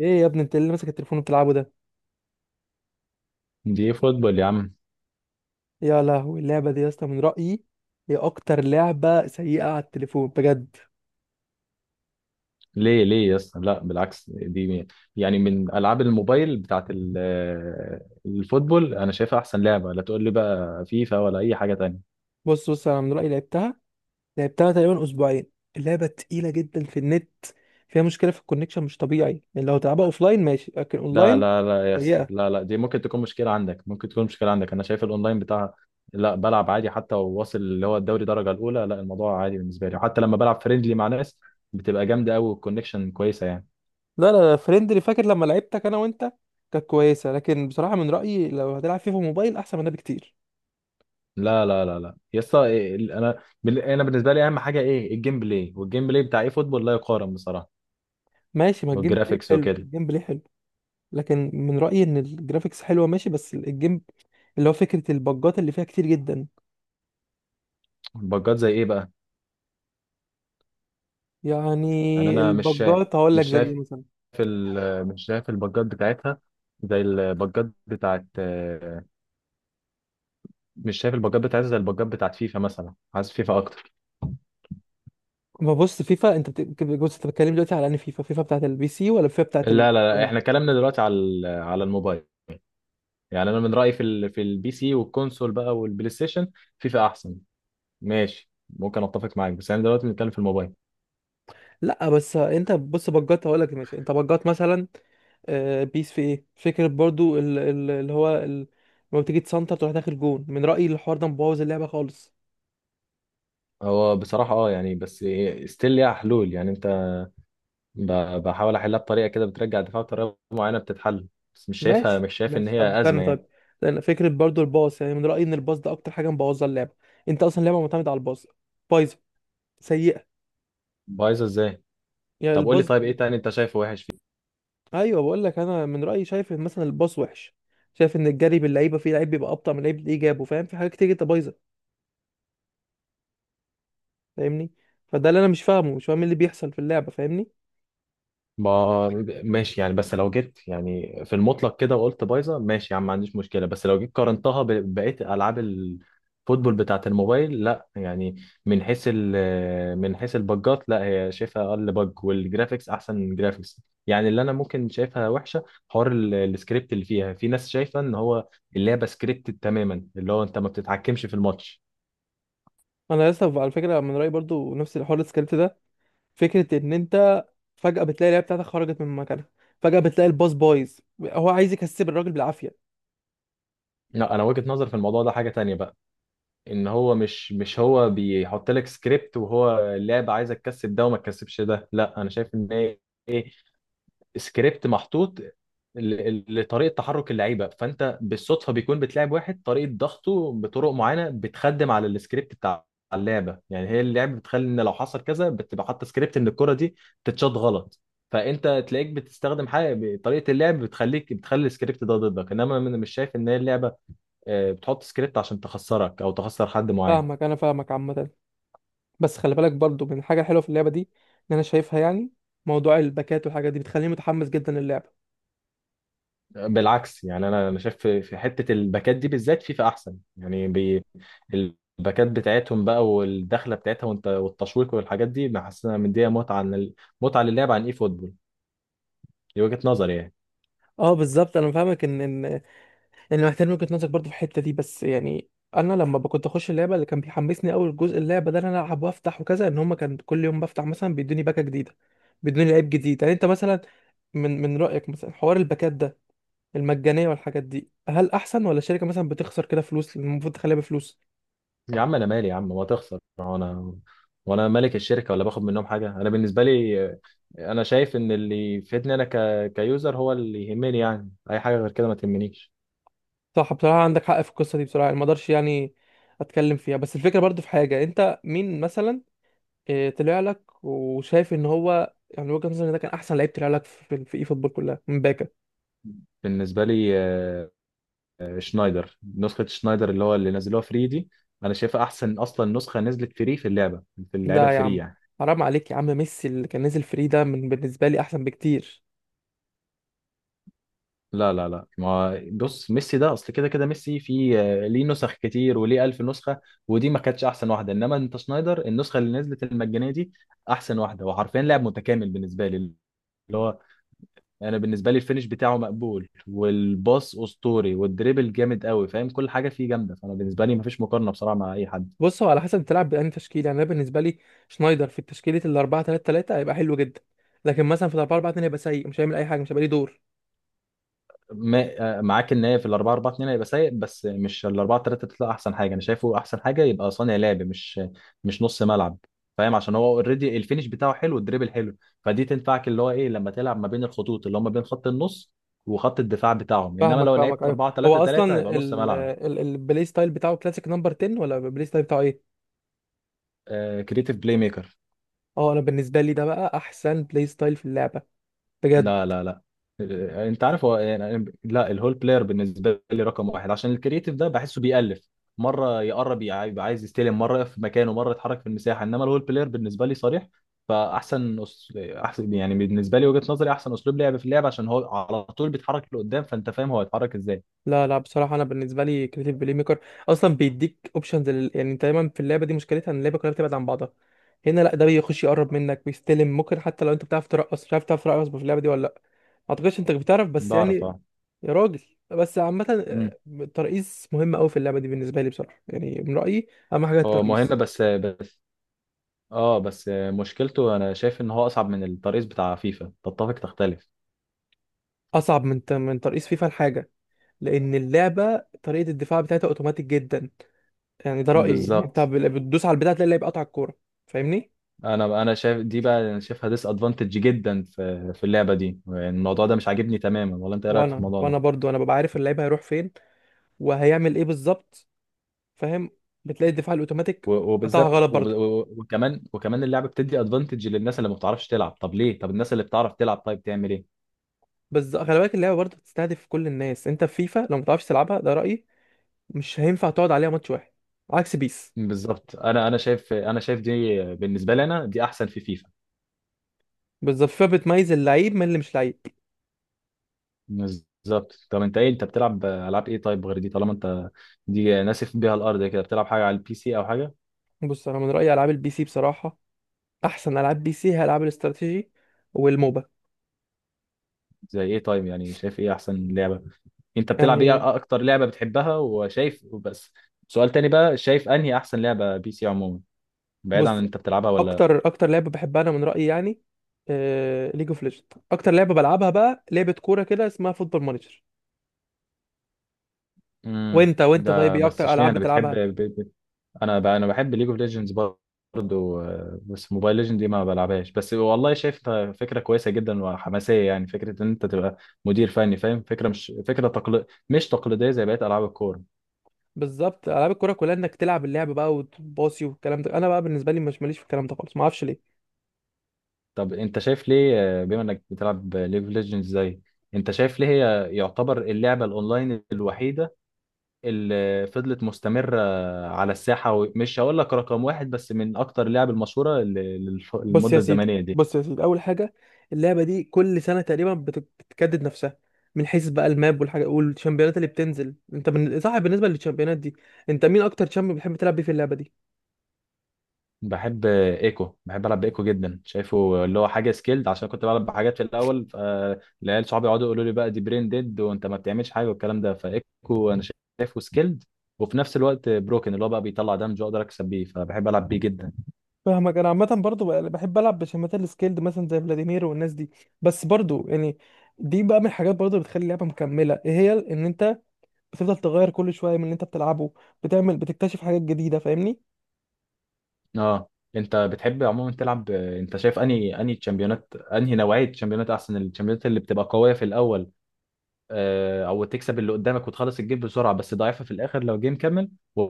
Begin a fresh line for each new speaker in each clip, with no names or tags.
ايه يا ابني انت اللي ماسك التليفون وبتلعبه ده.
دي إيه فوتبول يا عم.
يا لهوي اللعبه دي يا اسطى، من رايي هي اكتر لعبه سيئه على التليفون بجد.
ليه ليه يا اسطى، لا بالعكس، دي يعني من العاب الموبايل بتاعت الفوتبول، انا شايفها احسن لعبه. لا تقول لي بقى فيفا ولا اي حاجه تانية.
بص، انا من رايي لعبتها، لعبتها تقريبا اسبوعين. اللعبه تقيله جدا في النت، فيها مشكله في الكونكشن مش طبيعي، يعني لو تلعبها اوفلاين ماشي لكن
لا
اونلاين
لا لا يا اسطى،
سيئه.
لا لا، دي ممكن تكون مشكله عندك، ممكن تكون مشكله عندك. انا شايف الاونلاين بتاعها، لا بلعب عادي، حتى وواصل اللي هو الدوري درجه الاولى. لا الموضوع عادي بالنسبه لي، وحتى لما بلعب فريندلي مع ناس بتبقى جامده قوي والكونكشن كويسه يعني.
لا فريندلي، فاكر لما لعبتك انا وانت كانت كويسه، لكن بصراحه من رايي لو هتلعب فيفا موبايل احسن من ده بكتير.
لا لا لا لا يا اسطى، إيه- إيه، انا انا بالنسبه لي اهم حاجه ايه؟ الجيم بلاي، والجيم بلاي بتاع ايه فوتبول لا يقارن بصراحه.
ماشي، ما الجيم بلاي
والجرافيكس
حلو،
وكده.
الجيم بلاي حلو، لكن من رأيي ان الجرافيكس حلوة ماشي بس الجيم، اللي هو فكرة البجات اللي فيها كتير جدا.
البجات زي ايه بقى؟ يعني
يعني
انا مش شايف،
البجات هقول لك
مش
زي
شايف
ايه مثلا.
مش شايف البجات بتاعتها زي البجات بتاعت مش شايف البجات بتاعتها زي البجات بتاعت فيفا مثلا، عايز فيفا اكتر.
ما بص، بص، انت بتتكلم دلوقتي على ان فيفا، فيفا بتاعت البي سي ولا فيفا بتاعت ال.
لا لا لا، احنا كلامنا دلوقتي على على الموبايل. يعني انا من رايي في في البي سي والكونسول بقى والبلاي ستيشن، فيفا احسن. ماشي ممكن اتفق معاك، بس انا دلوقتي بنتكلم في الموبايل.
لا بس انت بص، بجات هقول لك ماشي، انت بجات مثلا بيس في ايه فكرة برضو اللي هو ال، لما بتيجي تسنتر تروح داخل جون، من رأيي الحوار ده مبوظ اللعبة خالص.
هو بصراحة اه يعني، بس ستيل ليها حلول يعني. انت ب- بحاول احلها بطريقه كده، بترجع الدفاع بطريقه معينه بتتحل، بس مش شايفها،
ماشي
مش شايف ان
ماشي طب
هي
استنى
ازمه يعني.
طيب. لان فكره برضو الباص، يعني من رايي ان الباص ده اكتر حاجه مبوظه اللعبه. انت اصلا اللعبه معتمده على الباص، بايظه، سيئه.
بايظه ازاي؟
يعني
طب قول لي
الباص.
طيب، ايه تاني انت شايفه وحش؟
ايوه، بقول لك انا من رايي شايف ان مثلا الباص وحش، شايف ان الجري باللعيبه فيه لعيب بيبقى ابطا من لعيب اللي جابه، فاهم؟ في حاجات كتير جدا بايظه، فاهمني؟ فده اللي انا مش فاهمه، مش فاهم إيه اللي بيحصل في اللعبه، فاهمني؟
ما ماشي يعني، بس لو جيت يعني في المطلق كده وقلت بايظه، ماشي يا عم، ما عنديش مشكله. بس لو جيت قارنتها ببقيه العاب الفوتبول بتاعه الموبايل، لا يعني. من حيث من حيث البجات، لا، هي شايفها اقل بج، والجرافيكس احسن جرافيكس يعني. اللي انا ممكن شايفها وحشه، حوار السكريبت اللي فيها، في ناس شايفه ان هو اللعبه سكريبتد تماما، اللي هو انت ما بتتحكمش في الماتش.
انا لسه على فكره من رايي برضو نفس الحوار السكريبت ده، فكره ان انت فجاه بتلاقي اللعيبه بتاعتك خرجت من مكانها، فجاه بتلاقي الباص بايظ هو عايز يكسب الراجل بالعافيه.
لا، انا وجهه نظر في الموضوع ده حاجه تانية بقى، ان هو مش هو بيحط لك سكريبت، وهو اللعبه عايزه تكسب ده وما تكسبش ده. لا، انا شايف ان هي ايه، سكريبت محطوط لطريقه تحرك اللعيبه، فانت بالصدفه بيكون بتلعب واحد طريقه ضغطه بطرق معينه بتخدم على السكريبت بتاع اللعبه. يعني هي اللعبه بتخلي ان لو حصل كذا، بتبقى حاطه سكريبت ان الكره دي تتشاط غلط. فانت تلاقيك بتستخدم حاجه، طريقه اللعب بتخليك بتخلي السكريبت ده ضدك. انما انا مش شايف ان هي اللعبه بتحط سكريبت عشان تخسرك او تخسر حد معين.
فاهمك، انا فاهمك عامه، بس خلي بالك برضو من الحاجه الحلوه في اللعبه دي، ان شايفها يعني موضوع الباكات والحاجات دي بتخليني متحمس جدا للعبه.
بالعكس يعني، انا انا شايف في في حته الباكات دي بالذات فيفا احسن يعني بي. الباكات بتاعتهم بقى، والدخله بتاعتها وانت والتشويق والحاجات دي، بحسها مديها متعه عن متعه للعب عن اي فوتبول. دي وجهه نظري يعني.
اه بالظبط، انا فاهمك ان محتاج وجهة نظرك برضو في الحته دي، بس يعني انا لما كنت اخش اللعبه اللي كان بيحمسني اول جزء اللعبه ده إن انا العب وافتح وكذا، ان هما كان كل يوم بفتح مثلا بيدوني باكه جديده، بيدوني لعيب جديد. يعني انت مثلا من رايك مثلا حوار الباكات ده، المجانيه والحاجات دي هل احسن ولا الشركه مثلا بتخسر كده فلوس المفروض تخليها بفلوس؟
يا عم انا مالي يا عم، ما تخسر، هو انا وانا مالك الشركه ولا باخد منهم حاجه؟ انا بالنسبه لي انا شايف ان اللي يفيدني انا كيوزر هو اللي يهمني. يعني اي حاجه غير كده ما تهمنيش.
صح، بصراحة عندك حق في القصة دي بصراحة، يعني ما اقدرش يعني اتكلم فيها، بس الفكرة برضو في حاجة، انت مين مثلا طلع لك وشايف ان هو يعني وجهة نظري إن ده كان احسن لعيب طلع لك في في اي فوتبول كلها من باكا.
بالنسبه لي شنايدر، نسخه شنايدر اللي هو اللي نزلوها فري دي، انا شايفها احسن اصلا نسخه نزلت فري في اللعبه، في اللعبه
لا يا
الفري
عم،
يعني.
حرام عليك يا عم، ميسي اللي كان نازل فري ده من بالنسبة لي احسن بكتير.
لا لا لا، ما بص، ميسي ده اصل كده كده ميسي في ليه نسخ كتير وليه ألف نسخه، ودي ما كانتش احسن واحده. انما انت شنايدر، النسخه اللي نزلت المجانيه دي احسن واحده، وحرفيا لاعب متكامل بالنسبه لي، اللي هو، انا بالنسبه لي الفينش بتاعه مقبول، والباص اسطوري، والدريبل جامد قوي، فاهم؟ كل حاجه فيه جامده، فانا بالنسبه لي ما فيش مقارنه بصراحه مع اي حد.
بص، هو على حسب تلعب بأنهي تشكيلة. يعني انا بالنسبة لي شنايدر في تشكيلة ال 4 3 3 هيبقى حلو جدا، لكن مثلا في ال 4 4 2 هيبقى سيء، مش هيعمل اي حاجة، مش هيبقى ليه دور.
ما معاك ان هي في ال 4 4 2 هيبقى سيء، بس مش ال 4 3 3 احسن حاجه. انا شايفه احسن حاجه يبقى صانع لعب، مش مش نص ملعب، فاهم؟ عشان هو اوريدي الفينش بتاعه حلو، الدريبل حلو، فدي تنفعك اللي هو ايه، لما تلعب ما بين الخطوط، اللي هم بين خط النص وخط الدفاع بتاعهم. انما
فاهمك
لو
فاهمك
لعبت
ايوه.
4 3
هو
3 هيبقى
اصلا
نص ملعب.
البلاي ستايل بتاعه كلاسيك نمبر 10 ولا البلاي ستايل بتاعه ايه؟
آه، كريتيف بلاي ميكر.
اه انا بالنسبه لي ده بقى احسن بلاي ستايل في اللعبه بجد.
لا لا لا، انت عارف هو يعني، لا الهول بلاير بالنسبه لي رقم واحد، عشان الكرييتيف ده بحسه بيألف، مره يقرب يبقى عايز يستلم، مره يقف في مكانه، مره يتحرك في المساحه. انما الهول بلاير بالنسبه لي صريح، فاحسن احسن يعني بالنسبه لي، وجهه نظري، احسن اسلوب لعب في اللعب، عشان هو على طول بيتحرك لقدام، فانت فاهم هو هيتحرك ازاي.
لا بصراحه انا بالنسبه لي كريتيف بلاي ميكر اصلا بيديك اوبشنز لل، يعني انت دايما في اللعبه دي مشكلتها ان اللعبه كلها بتبعد عن بعضها، هنا لا ده بيخش يقرب منك بيستلم. ممكن حتى لو انت بتعرف ترقص، مش عارف تعرف ترقص في اللعبه دي ولا لا؟ ما اعتقدش انت بتعرف، بس يعني
بعرف اه.
يا راجل. بس عامه
مم.
الترقيص مهم قوي في اللعبه دي بالنسبه لي بصراحه، يعني من رايي اهم حاجه
هو مهم
الترقيص.
بس بس، اه بس مشكلته انا شايف ان هو اصعب من الترقيص بتاع فيفا، تتفق تختلف.
اصعب من من ترقيص فيفا الحاجه، لان اللعبه طريقه الدفاع بتاعتها اوتوماتيك جدا. يعني ده رايي، ان انت
بالظبط،
بتدوس على البتاع تلاقي اللعيب قطع الكوره، فاهمني؟
انا انا شايف دي بقى، انا شايفها ديس ادفانتج جدا في في اللعبه دي. يعني الموضوع ده مش عاجبني تماما، ولا انت ايه رايك في
وانا
الموضوع ده؟
وانا برضو انا ببقى عارف اللعيب هيروح فين وهيعمل ايه بالظبط، فاهم؟ بتلاقي الدفاع الاوتوماتيك قطعها
وبالذات
غلط برضو.
وكمان وكمان اللعبه بتدي ادفانتج للناس اللي ما بتعرفش تلعب. طب ليه؟ طب الناس اللي بتعرف تلعب طيب تعمل ايه؟
بس خلي بالك اللعبه برضو بتستهدف كل الناس، انت في فيفا لو ما تعرفش تلعبها، ده رايي، مش هينفع تقعد عليها ماتش واحد، عكس بيس.
بالظبط، انا انا شايف، انا شايف دي بالنسبه لي، انا دي احسن في فيفا.
بالظبط، فيفا بتميز اللعيب من اللي مش لعيب.
بالظبط. طب انت ايه، انت بتلعب العاب ايه طيب غير دي؟ طالما انت دي ناسف بيها الارض كده، بتلعب حاجه على البي سي او حاجه؟
بص، انا من رايي العاب البي سي بصراحه، احسن العاب بي سي هي العاب الاستراتيجي والموبا.
زي ايه طيب؟ يعني شايف ايه احسن لعبه انت بتلعب
يعني
ايه، اكتر لعبة بتحبها، وشايف، وبس سؤال تاني بقى، شايف انهي احسن لعبة بي سي عموما، بعيد عن
بص،
انت بتلعبها ولا لأ؟
اكتر لعبه بحبها انا من رايي يعني ليج اوف ليجند. اكتر لعبه بلعبها بقى لعبه كوره كده اسمها فوتبول مانجر.
امم،
وانت طيب
ده
ايه
بس
اكتر العاب
اشمعنى بتحب
بتلعبها؟
انا انا بحب ليج اوف ليجندز برضه بس موبايل ليجند دي ما بلعبهاش. بس والله شايفها فكرة كويسة جدا وحماسية يعني، فكرة ان انت تبقى مدير فني، فاهم؟ فكرة مش فكرة مش تقليدية زي بقية العاب الكورة.
بالظبط العاب الكوره كلها انك تلعب اللعب بقى وتباصي والكلام ده، انا بقى بالنسبه لي مش ماليش في الكلام ده خالص، ما اعرفش ليه.
طب انت شايف ليه بما انك بتلعب ليج اوف ليجندز زي، انت شايف ليه هي يعتبر اللعبة الاونلاين الوحيدة اللي فضلت مستمرة على الساحة، ومش هقول لك رقم واحد، بس من أكتر اللعب المشهورة
بص يا
للمدة
سيدي
الزمنية دي؟
بص يا سيدي اول حاجه، اللعبه دي كل سنه تقريبا بتجدد نفسها، من حيث بقى الماب والحاجه والشامبيونات اللي بتنزل. صح، بالنسبه للشامبيونات دي، انت مين اكتر شامبيون بتحب تلعب بيه في اللعبه دي؟
بحب ايكو، بحب العب بايكو جدا، شايفه اللي هو حاجه سكيلد. عشان كنت بلعب بحاجات في الاول، فالعيال صحابي يقعدوا يقولوا لي بقى دي برين ديد، وانت ما بتعملش حاجه والكلام ده. فايكو انا شايفه سكيلد، وفي نفس الوقت بروكن، اللي هو بقى بيطلع دمج، واقدر اكسب بيه، فبحب العب بيه جدا.
فاهمك، انا عامه برضو بحب العب بشامبيونات السكيلد مثلا زي فلاديمير والناس دي. بس برضو يعني دي بقى من الحاجات برضو اللي بتخلي اللعبه مكمله، ايه هي؟ ان انت بتفضل تغير كل شويه من اللي انت بتلعبه، بتعمل بتكتشف حاجات جديده، فاهمني؟
اه. انت بتحب عموما تلعب، انت شايف انهي انهي تشامبيونات، انهي نوعيه تشامبيونات احسن؟ التشامبيونات اللي بتبقى قويه في الاول او تكسب اللي قدامك وتخلص الجيم بسرعه، بس ضعيفه في الاخر لو جيم كمل، و-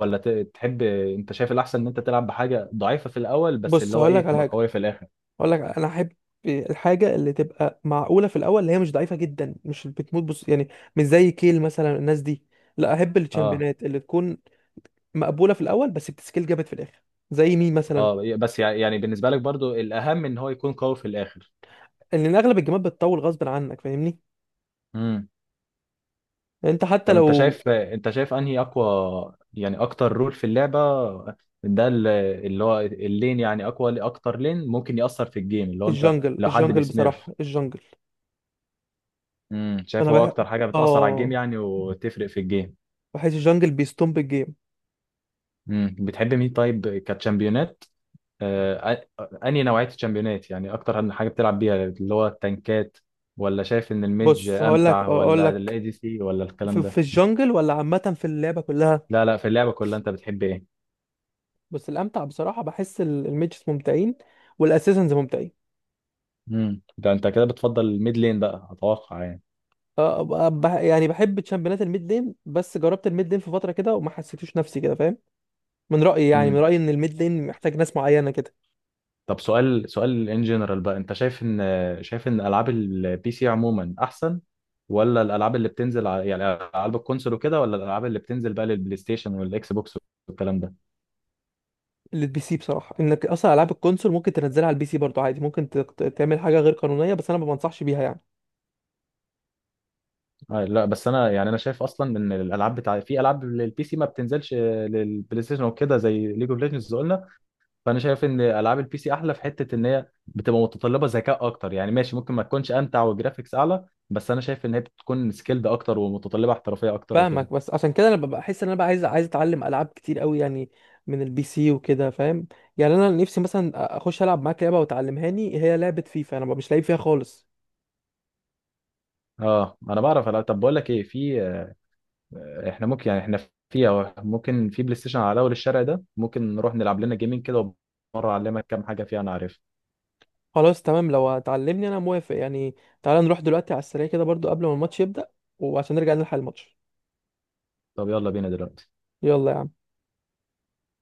ولا ت- تحب، انت شايف الاحسن ان انت تلعب بحاجه ضعيفه في الاول بس
بص
اللي هو
هقول لك
ايه،
على
تبقى
حاجه،
قويه في الاخر؟
اقول لك انا احب الحاجه اللي تبقى معقوله في الاول، اللي هي مش ضعيفه جدا مش بتموت، بص يعني مش زي كيل مثلا الناس دي، لا احب
اه.
الشامبيونات اللي تكون مقبوله في الاول بس بتسكيل جامد في الاخر. زي مين مثلا؟
اه بس يعني بالنسبه لك برضو الاهم ان هو يكون قوي في الاخر.
لان اغلب الجيمات بتطول غصب عنك، فاهمني؟
امم.
يعني انت حتى
طب انت
لو،
شايف، انت شايف انهي اقوى، يعني اكتر رول في اللعبه ده اللي هو اللين؟ يعني اقوى اكتر لين ممكن ياثر في الجيم، اللي هو انت
الجنجل
لو حد
الجنجل
بيسميرف.
بصراحه الجنجل.
امم، شايف
انا
هو
بحب،
اكتر حاجه بتاثر على الجيم
اه،
يعني وتفرق في الجيم.
بحس الجنجل بيستومب الجيم.
مم. بتحب مين طيب كتشامبيونات؟ انهي نوعية الشامبيونات يعني اكتر عن حاجة بتلعب بيها، اللي هو التنكات، ولا شايف ان الميدج
بص هقول لك،
امتع،
اقول
ولا الاي
لك
دي سي، ولا الكلام
في،
ده؟
في الجنجل ولا عامه في اللعبه كلها؟
لا لا، في اللعبة كلها انت بتحب ايه؟
بس الامتع بصراحه بحس الميجز ممتعين والاساسنز ممتعين.
امم، ده انت كده بتفضل الميد لين بقى اتوقع يعني.
آه، يعني بحب تشامبيونات الميد لين، بس جربت الميد لين في فتره كده وما حسيتوش نفسي كده، فاهم؟ من رايي يعني من
امم.
رايي ان الميد لين محتاج ناس معينه كده.
طب سؤال، سؤال ان جنرال بقى، انت شايف ان، شايف ان العاب البي سي عموما احسن، ولا الالعاب اللي بتنزل على يعني العاب الكونسول وكده، ولا الالعاب اللي بتنزل بقى للبلاي ستيشن والاكس بوكس والكلام ده؟
للبي سي بصراحه، انك اصلا العاب الكونسول ممكن تنزلها على البي سي برضه عادي، ممكن تعمل حاجه غير قانونيه بس انا ما بنصحش بيها يعني.
لا بس انا يعني، انا شايف اصلا ان الالعاب بتاع في العاب للبي سي ما بتنزلش للبلاي ستيشن وكده، زي ليج اوف ليجندز قلنا. فانا شايف ان العاب البي سي احلى في حته ان هي بتبقى متطلبه ذكاء اكتر يعني. ماشي ممكن ما تكونش امتع وجرافيكس اعلى، بس انا شايف ان هي بتكون سكيلد اكتر، ومتطلبه احترافيه اكتر وكده.
فاهمك، بس عشان كده انا ببقى احس ان انا بقى عايز اتعلم العاب كتير قوي يعني من البي سي وكده، فاهم؟ يعني انا نفسي مثلا اخش العب معاك لعبه وتعلمهاني، هي لعبه فيفا انا مش لعيب فيها خالص.
اه انا بعرف ألعب. طب بقول لك ايه، في احنا ممكن يعني، احنا في ممكن في بلاي ستيشن على اول الشارع ده، ممكن نروح نلعب لنا جيمين كده، ومره اعلمك كام حاجه فيها انا عارفها.
خلاص تمام، لو هتعلمني انا موافق يعني. تعالى نروح دلوقتي على السريع كده برضو قبل ما الماتش يبدأ، وعشان نرجع نلحق الماتش.
طب يلا بينا دلوقتي.
يلا يا عم.